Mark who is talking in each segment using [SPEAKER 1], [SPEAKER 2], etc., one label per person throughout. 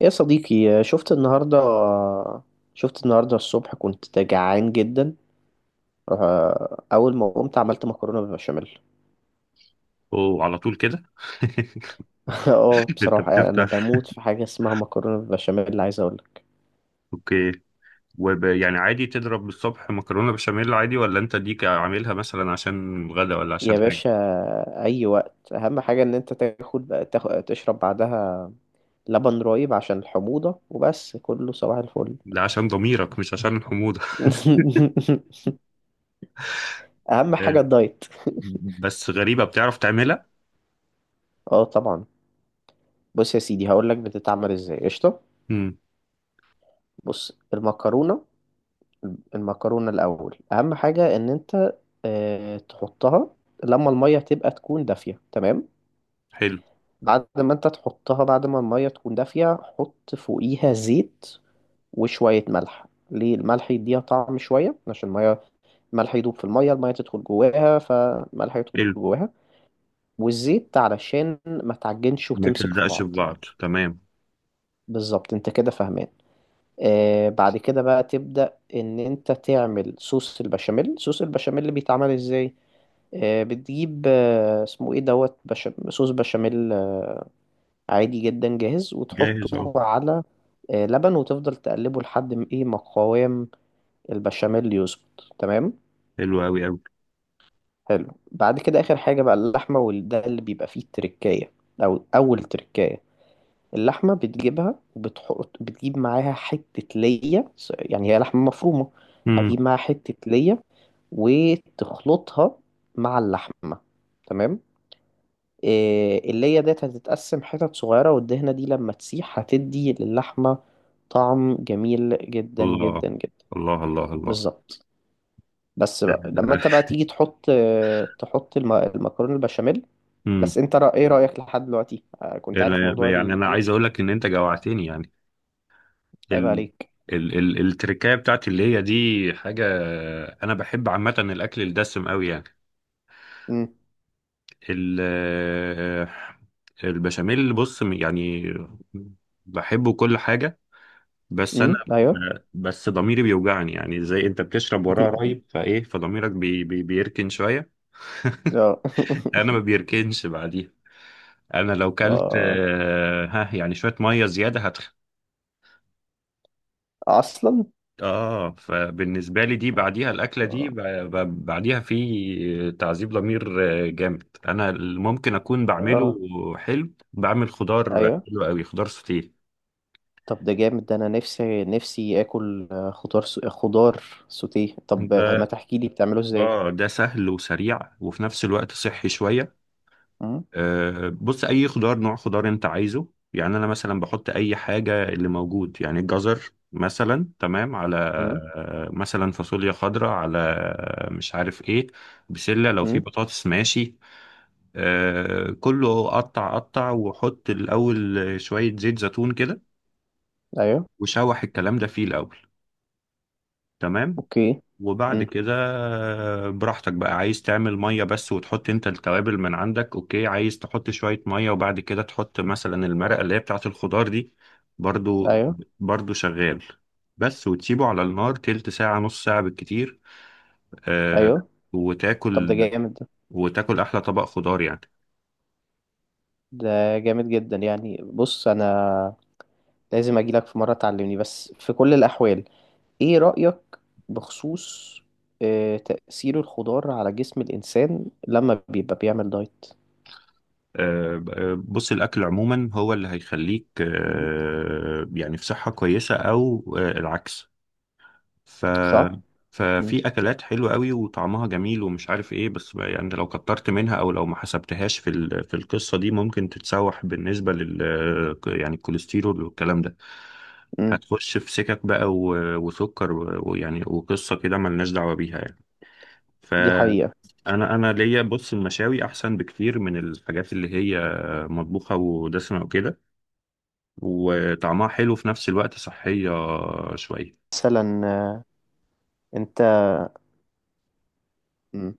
[SPEAKER 1] يا صديقي، شفت النهاردة الصبح كنت جعان جدا. أول ما قمت عملت مكرونة بالبشاميل.
[SPEAKER 2] اوه، على طول كده.
[SPEAKER 1] اه
[SPEAKER 2] انت
[SPEAKER 1] بصراحة يعني أنا
[SPEAKER 2] بتفتح،
[SPEAKER 1] بموت في حاجة اسمها مكرونة بالبشاميل، عايز أقولك.
[SPEAKER 2] اوكي. يعني عادي تضرب الصبح مكرونه بشاميل، عادي ولا انت ديك عاملها مثلا عشان غدا ولا
[SPEAKER 1] يا
[SPEAKER 2] عشان حاجه؟
[SPEAKER 1] باشا، أي وقت. أهم حاجة إن أنت تاخد تشرب بعدها لبن رايب عشان الحموضة، وبس، كله صباح الفل.
[SPEAKER 2] لا عشان ضميرك، مش عشان الحموضه.
[SPEAKER 1] أهم حاجة
[SPEAKER 2] آه،
[SPEAKER 1] الدايت.
[SPEAKER 2] بس غريبه بتعرف تعملها.
[SPEAKER 1] اه، طبعا. بص يا سيدي، هقولك بتتعمل ازاي. قشطة.
[SPEAKER 2] امم.
[SPEAKER 1] بص، المكرونة الأول، أهم حاجة إن أنت تحطها لما المية تبقى تكون دافية. تمام.
[SPEAKER 2] حلو.
[SPEAKER 1] بعد ما أنت تحطها، بعد ما المية تكون دافية، حط فوقيها زيت وشوية ملح. ليه الملح يديها طعم شوية؟ عشان المية، الملح يدوب في المية، المية تدخل جواها فالملح يدخل
[SPEAKER 2] حلو.
[SPEAKER 1] جواها. والزيت علشان ما تعجنش
[SPEAKER 2] ما
[SPEAKER 1] وتمسك في
[SPEAKER 2] تلزقش في
[SPEAKER 1] بعض.
[SPEAKER 2] بعض، تمام.
[SPEAKER 1] بالظبط، أنت كده فاهمان. بعد كده بقى تبدأ ان انت تعمل صوص البشاميل. صوص البشاميل اللي بيتعمل ازاي؟ بتجيب، اسمه ايه، دوت، صوص بشاميل، عادي جدا، جاهز،
[SPEAKER 2] جاهز اهو.
[SPEAKER 1] وتحطه على لبن، وتفضل تقلبه لحد ما ايه ما قوام البشاميل يظبط. تمام.
[SPEAKER 2] حلو قوي قوي.
[SPEAKER 1] حلو. بعد كده اخر حاجة بقى اللحمة، وده اللي بيبقى فيه التركاية، او اول تركاية. اللحمة بتجيبها بتجيب معاها حتة ليا، يعني هي لحمة مفرومة.
[SPEAKER 2] امم.
[SPEAKER 1] هتجيب معاها حتة ليا، وتخلطها مع اللحمة. تمام. إيه، الليا ديت هتتقسم حتت صغيرة، والدهنة دي لما تسيح هتدي للحمة طعم جميل جدا
[SPEAKER 2] الله.
[SPEAKER 1] جدا جدا.
[SPEAKER 2] الله الله الله.
[SPEAKER 1] بالظبط. بس بقى لما انت بقى تيجي تحط المكرونة البشاميل.
[SPEAKER 2] امم
[SPEAKER 1] بس انت ايه رأيك لحد دلوقتي؟ كنت عارف موضوع
[SPEAKER 2] يعني
[SPEAKER 1] اللي
[SPEAKER 2] انا عايز اقول لك ان انت جوعتني يعني.
[SPEAKER 1] هيبقى
[SPEAKER 2] ال...
[SPEAKER 1] عليك.
[SPEAKER 2] التركايه بتاعتي اللي هي دي حاجه. انا بحب عامه الاكل الدسم قوي يعني.
[SPEAKER 1] امم.
[SPEAKER 2] ال... البشاميل بص يعني، بحبه كل حاجه. بس انا
[SPEAKER 1] امم. ايوه.
[SPEAKER 2] بس ضميري بيوجعني يعني، زي انت بتشرب وراه رايب فايه فضميرك بيركن شويه.
[SPEAKER 1] اه.
[SPEAKER 2] انا ما بيركنش بعديها. انا لو كلت
[SPEAKER 1] اه،
[SPEAKER 2] ها، يعني شويه ميه زياده.
[SPEAKER 1] اصلا.
[SPEAKER 2] اه، فبالنسبة لي دي بعديها الأكلة دي
[SPEAKER 1] اه،
[SPEAKER 2] بعديها في تعذيب ضمير. جامد أنا اللي ممكن أكون بعمله.
[SPEAKER 1] اه،
[SPEAKER 2] حلو، بعمل خضار
[SPEAKER 1] ايوه.
[SPEAKER 2] حلو قوي، خضار سوتيه.
[SPEAKER 1] طب ده جامد. ده انا نفسي نفسي اكل خضار سوتيه. طب ما
[SPEAKER 2] ده
[SPEAKER 1] تحكي لي بتعمله ازاي.
[SPEAKER 2] اه ده سهل وسريع وفي نفس الوقت صحي شوية.
[SPEAKER 1] امم.
[SPEAKER 2] بص، أي خضار، نوع خضار أنت عايزه يعني. أنا مثلا بحط أي حاجة اللي موجود يعني، الجزر مثلا تمام، على
[SPEAKER 1] امم.
[SPEAKER 2] مثلا فاصوليا خضراء، على مش عارف ايه، بسلة، لو في
[SPEAKER 1] امم.
[SPEAKER 2] بطاطس ماشي. كله قطع قطع، وحط الأول شوية زيت زيتون كده،
[SPEAKER 1] ايوه.
[SPEAKER 2] وشوح الكلام ده فيه الأول، تمام.
[SPEAKER 1] اوكي.
[SPEAKER 2] وبعد
[SPEAKER 1] امم.
[SPEAKER 2] كده براحتك بقى، عايز تعمل مية بس وتحط انت التوابل من عندك، اوكي. عايز تحط شوية مية وبعد كده تحط مثلا المرقة اللي هي بتاعة الخضار دي، برضو.
[SPEAKER 1] ايوه.
[SPEAKER 2] برضو شغال بس، وتسيبه على النار تلت ساعة نص ساعة بالكتير، آه،
[SPEAKER 1] ايوه. طب ده
[SPEAKER 2] وتاكل.
[SPEAKER 1] جامد. ده
[SPEAKER 2] وتاكل أحلى طبق خضار يعني.
[SPEAKER 1] جامد جدا يعني. بص انا لازم اجي لك في مره تعلمني. بس في كل الاحوال، ايه رأيك بخصوص تأثير الخضار على جسم الإنسان لما بيبقى بيعمل دايت؟
[SPEAKER 2] بص، الأكل عموما هو اللي هيخليك
[SPEAKER 1] مم.
[SPEAKER 2] يعني في صحة كويسة أو العكس. ف
[SPEAKER 1] صح؟ مم.
[SPEAKER 2] ففي أكلات حلوة قوي وطعمها جميل ومش عارف إيه، بس بقى يعني لو كترت منها أو لو ما حسبتهاش في في القصة دي، ممكن تتسوح بالنسبة يعني الكوليسترول والكلام ده،
[SPEAKER 1] مم.
[SPEAKER 2] هتخش في سكك بقى وسكر ويعني، وقصة كده ملناش دعوة بيها يعني.
[SPEAKER 1] دي
[SPEAKER 2] فأنا
[SPEAKER 1] حقيقة.
[SPEAKER 2] أنا ليا، بص، المشاوي أحسن بكتير من الحاجات اللي هي مطبوخة ودسمة وكده، وطعمها حلو في نفس الوقت صحية شوية.
[SPEAKER 1] مثلا انت. مم.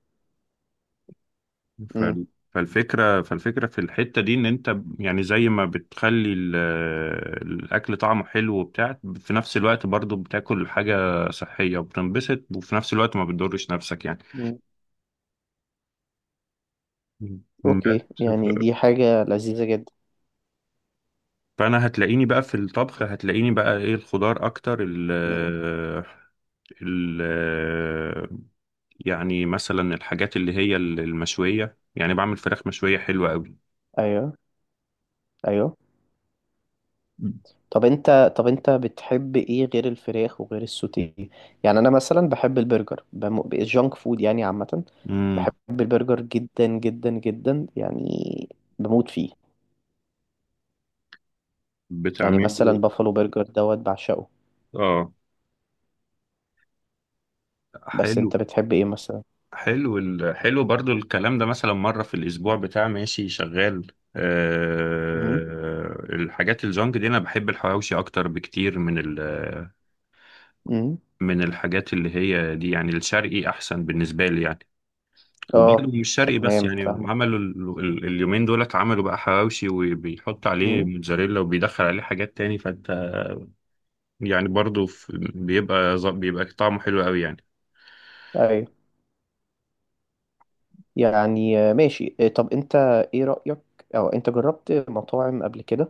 [SPEAKER 2] ف-
[SPEAKER 1] مم.
[SPEAKER 2] فالفكرة في الحتة دي، إن أنت يعني زي ما بتخلي الأكل طعمه حلو وبتاع، في نفس الوقت برضو بتاكل حاجة صحية وبتنبسط، وفي نفس الوقت ما بتضرش نفسك يعني.
[SPEAKER 1] مم.
[SPEAKER 2] مم.
[SPEAKER 1] اوكي، يعني دي حاجة لذيذة جدا.
[SPEAKER 2] فأنا هتلاقيني بقى في الطبخ، هتلاقيني بقى إيه، الخضار أكتر. ال
[SPEAKER 1] مم.
[SPEAKER 2] ال يعني مثلا الحاجات اللي هي المشوية، يعني بعمل فراخ مشوية حلوة
[SPEAKER 1] ايوه، ايوه.
[SPEAKER 2] قوي.
[SPEAKER 1] طب انت بتحب ايه غير الفراخ وغير السوتيه؟ يعني انا مثلا بحب البرجر، الجانك فود يعني عامة.
[SPEAKER 2] امم.
[SPEAKER 1] بحب البرجر جدا جدا جدا يعني، بموت فيه. يعني مثلا
[SPEAKER 2] بتعمله.
[SPEAKER 1] بافالو برجر دوت، بعشقه.
[SPEAKER 2] اه.
[SPEAKER 1] بس
[SPEAKER 2] حلو.
[SPEAKER 1] انت بتحب ايه مثلا؟
[SPEAKER 2] حلو برضو الكلام ده، مثلا مرة في الأسبوع بتاع، ماشي شغال.
[SPEAKER 1] امم.
[SPEAKER 2] الحاجات الجونج دي أنا بحب الحواوشي أكتر بكتير
[SPEAKER 1] امم.
[SPEAKER 2] من الحاجات اللي هي دي يعني، الشرقي أحسن بالنسبة لي يعني. وبرضه
[SPEAKER 1] اه،
[SPEAKER 2] مش شرقي بس،
[SPEAKER 1] تمام،
[SPEAKER 2] يعني
[SPEAKER 1] فاهمك.
[SPEAKER 2] عملوا اليومين دولت عملوا بقى حواوشي وبيحط عليه
[SPEAKER 1] امم.
[SPEAKER 2] موتزاريلا وبيدخل عليه حاجات تاني، فانت يعني برضه بيبقى طعمه حلو قوي يعني.
[SPEAKER 1] ايوه. يعني ماشي. طب انت، ايه رأيك؟ او انت جربت مطاعم قبل كده؟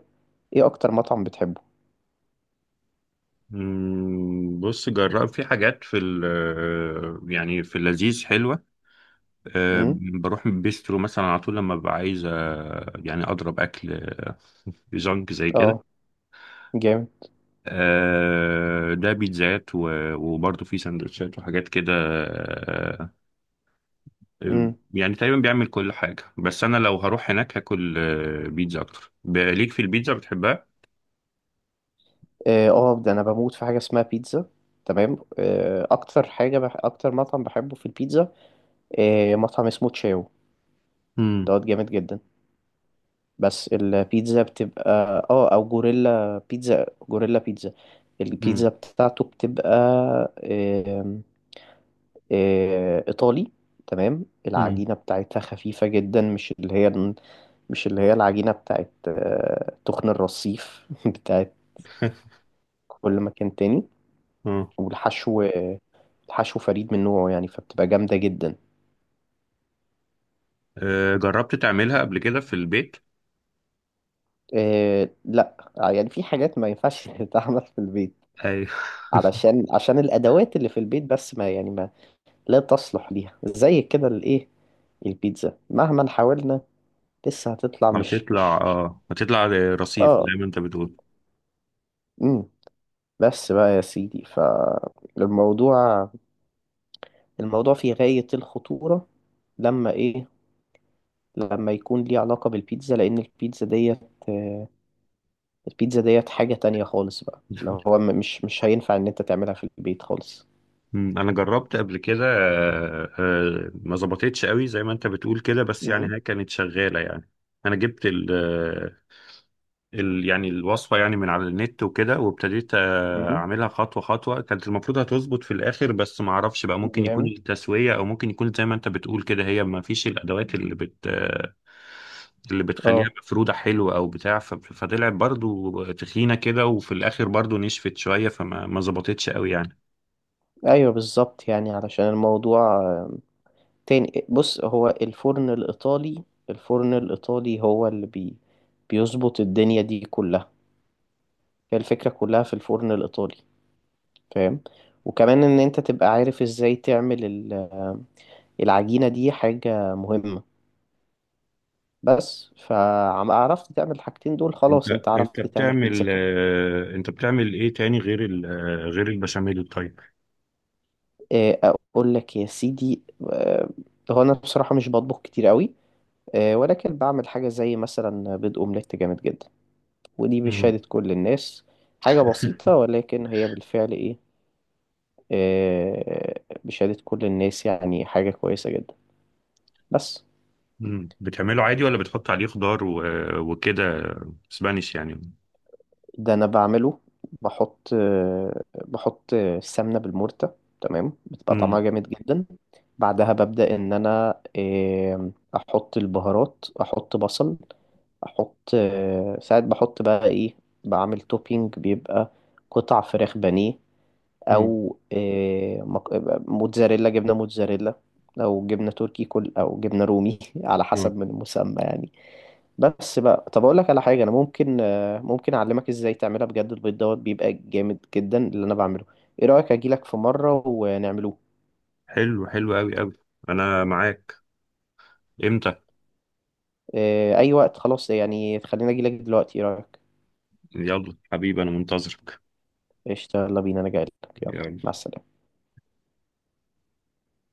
[SPEAKER 1] ايه اكتر مطعم بتحبه؟
[SPEAKER 2] مم، بص، جرب في حاجات في يعني في اللذيذ حلوة. أه،
[SPEAKER 1] امم.
[SPEAKER 2] بروح بيسترو مثلا على طول لما ببقى عايز يعني أضرب أكل جانك زي كده.
[SPEAKER 1] اه، جامد.
[SPEAKER 2] ده بيتزات وبرضه في سندوتشات وحاجات كده.
[SPEAKER 1] امم.
[SPEAKER 2] يعني تقريبا بيعمل كل حاجة، بس أنا لو هروح هناك هاكل بيتزا أكتر. ليك في البيتزا بتحبها؟
[SPEAKER 1] اه، ده انا بموت في حاجة اسمها بيتزا. تمام. اكتر مطعم بحبه في البيتزا. مطعم اسمه تشاو
[SPEAKER 2] مم.
[SPEAKER 1] دوت، جامد جدا. بس البيتزا بتبقى... اه، او جوريلا بيتزا، جوريلا بيتزا. البيتزا
[SPEAKER 2] مم.
[SPEAKER 1] بتاعته بتبقى آم، آه، ايطالي. تمام.
[SPEAKER 2] مم.
[SPEAKER 1] العجينة بتاعتها خفيفة جدا، مش اللي هي العجينة بتاعت تخن الرصيف بتاعت كل مكان تاني.
[SPEAKER 2] اه.
[SPEAKER 1] والحشو آه، الحشو فريد من نوعه يعني، فبتبقى جامدة جدا.
[SPEAKER 2] جربت تعملها قبل كده في البيت؟
[SPEAKER 1] لا، يعني في حاجات ما ينفعش تتعمل في البيت، عشان الادوات اللي في البيت، بس ما يعني لا تصلح ليها زي كده الايه. البيتزا مهما حاولنا لسه هتطلع مش
[SPEAKER 2] هتطلع
[SPEAKER 1] مش
[SPEAKER 2] اه هتطلع رصيف زي
[SPEAKER 1] اه.
[SPEAKER 2] ما انت بتقول.
[SPEAKER 1] امم. بس بقى يا سيدي، الموضوع في غاية الخطورة. لما ايه لما يكون ليه علاقة بالبيتزا، لأن آه، البيتزا ديت حاجة تانية خالص بقى، اللي هو مش هينفع إن أنت تعملها في البيت خالص.
[SPEAKER 2] مم، انا جربت قبل كده ما ظبطتش قوي زي ما انت بتقول كده، بس
[SPEAKER 1] امم.
[SPEAKER 2] يعني هي كانت شغاله يعني. انا جبت يعني الوصفة يعني من على النت وكده، وابتديت
[SPEAKER 1] امم.
[SPEAKER 2] أعملها خطوة خطوة. كانت المفروض هتظبط في الآخر، بس ما أعرفش بقى، ممكن يكون
[SPEAKER 1] جامد.
[SPEAKER 2] التسوية أو ممكن يكون زي ما أنت بتقول كده، هي ما فيش الأدوات اللي بت آه، اللي بتخليها
[SPEAKER 1] اه.
[SPEAKER 2] مفرودة حلوة أو بتاع، فطلعت برضو تخينة كده، وفي الآخر برضو نشفت شوية، فما ما ظبطتش قوي يعني.
[SPEAKER 1] ايوه. بالظبط يعني، علشان الموضوع تاني. بص، هو الفرن الإيطالي. الفرن الإيطالي هو اللي بيظبط الدنيا دي كلها. هي الفكرة كلها في الفرن الإيطالي، فاهم. وكمان إن أنت تبقى عارف إزاي تعمل العجينة، دي حاجة مهمة. بس فعرفت تعمل الحاجتين دول،
[SPEAKER 2] أنت
[SPEAKER 1] خلاص أنت
[SPEAKER 2] أنت
[SPEAKER 1] عرفت تعمل بيتزا
[SPEAKER 2] بتعمل
[SPEAKER 1] كمان.
[SPEAKER 2] أنت بتعمل إيه تاني غير ال... آه، غير البشاميل، طيب؟
[SPEAKER 1] إيه، أقول لك يا سيدي، آه، هو أنا بصراحة مش بطبخ كتير قوي. ولكن بعمل حاجة زي مثلا بيض أومليت جامد جدا. ودي
[SPEAKER 2] مم.
[SPEAKER 1] بشهادة كل الناس. حاجة بسيطة ولكن هي بالفعل إيه آه، بشهادة كل الناس يعني، حاجة كويسة جدا بس.
[SPEAKER 2] مم. بتعمله عادي ولا بتحط عليه خضار وكده، سبانيش يعني.
[SPEAKER 1] ده أنا بعمله، بحط آه، بحط السمنة بالمرتة. تمام، بتبقى طعمها
[SPEAKER 2] مم.
[SPEAKER 1] جامد جدا. بعدها ببدأ إن أنا أحط البهارات، أحط بصل. أحط آه، ساعات بحط بقى إيه، بعمل توبينج، بيبقى قطع فراخ بانيه،
[SPEAKER 2] مم.
[SPEAKER 1] او جبنه موتزاريلا، او جبنه تركي كل، او جبنه رومي على
[SPEAKER 2] مم.
[SPEAKER 1] حسب من المسمى يعني. بس بقى، طب اقول لك على حاجه. انا ممكن اعلمك ازاي تعملها بجد. البيض دوت بيبقى جامد جدا، اللي انا بعمله. ايه رايك اجيلك في مره ونعملوه؟
[SPEAKER 2] حلو. حلو قوي قوي. انا معاك. امتى؟
[SPEAKER 1] اي وقت خلاص يعني. خلينا اجيلك دلوقتي، ايه رايك؟
[SPEAKER 2] يلا حبيبي، انا منتظرك.
[SPEAKER 1] قشطه، يلا بينا، انا جايلك. يلا، مع
[SPEAKER 2] يلا.
[SPEAKER 1] السلامه.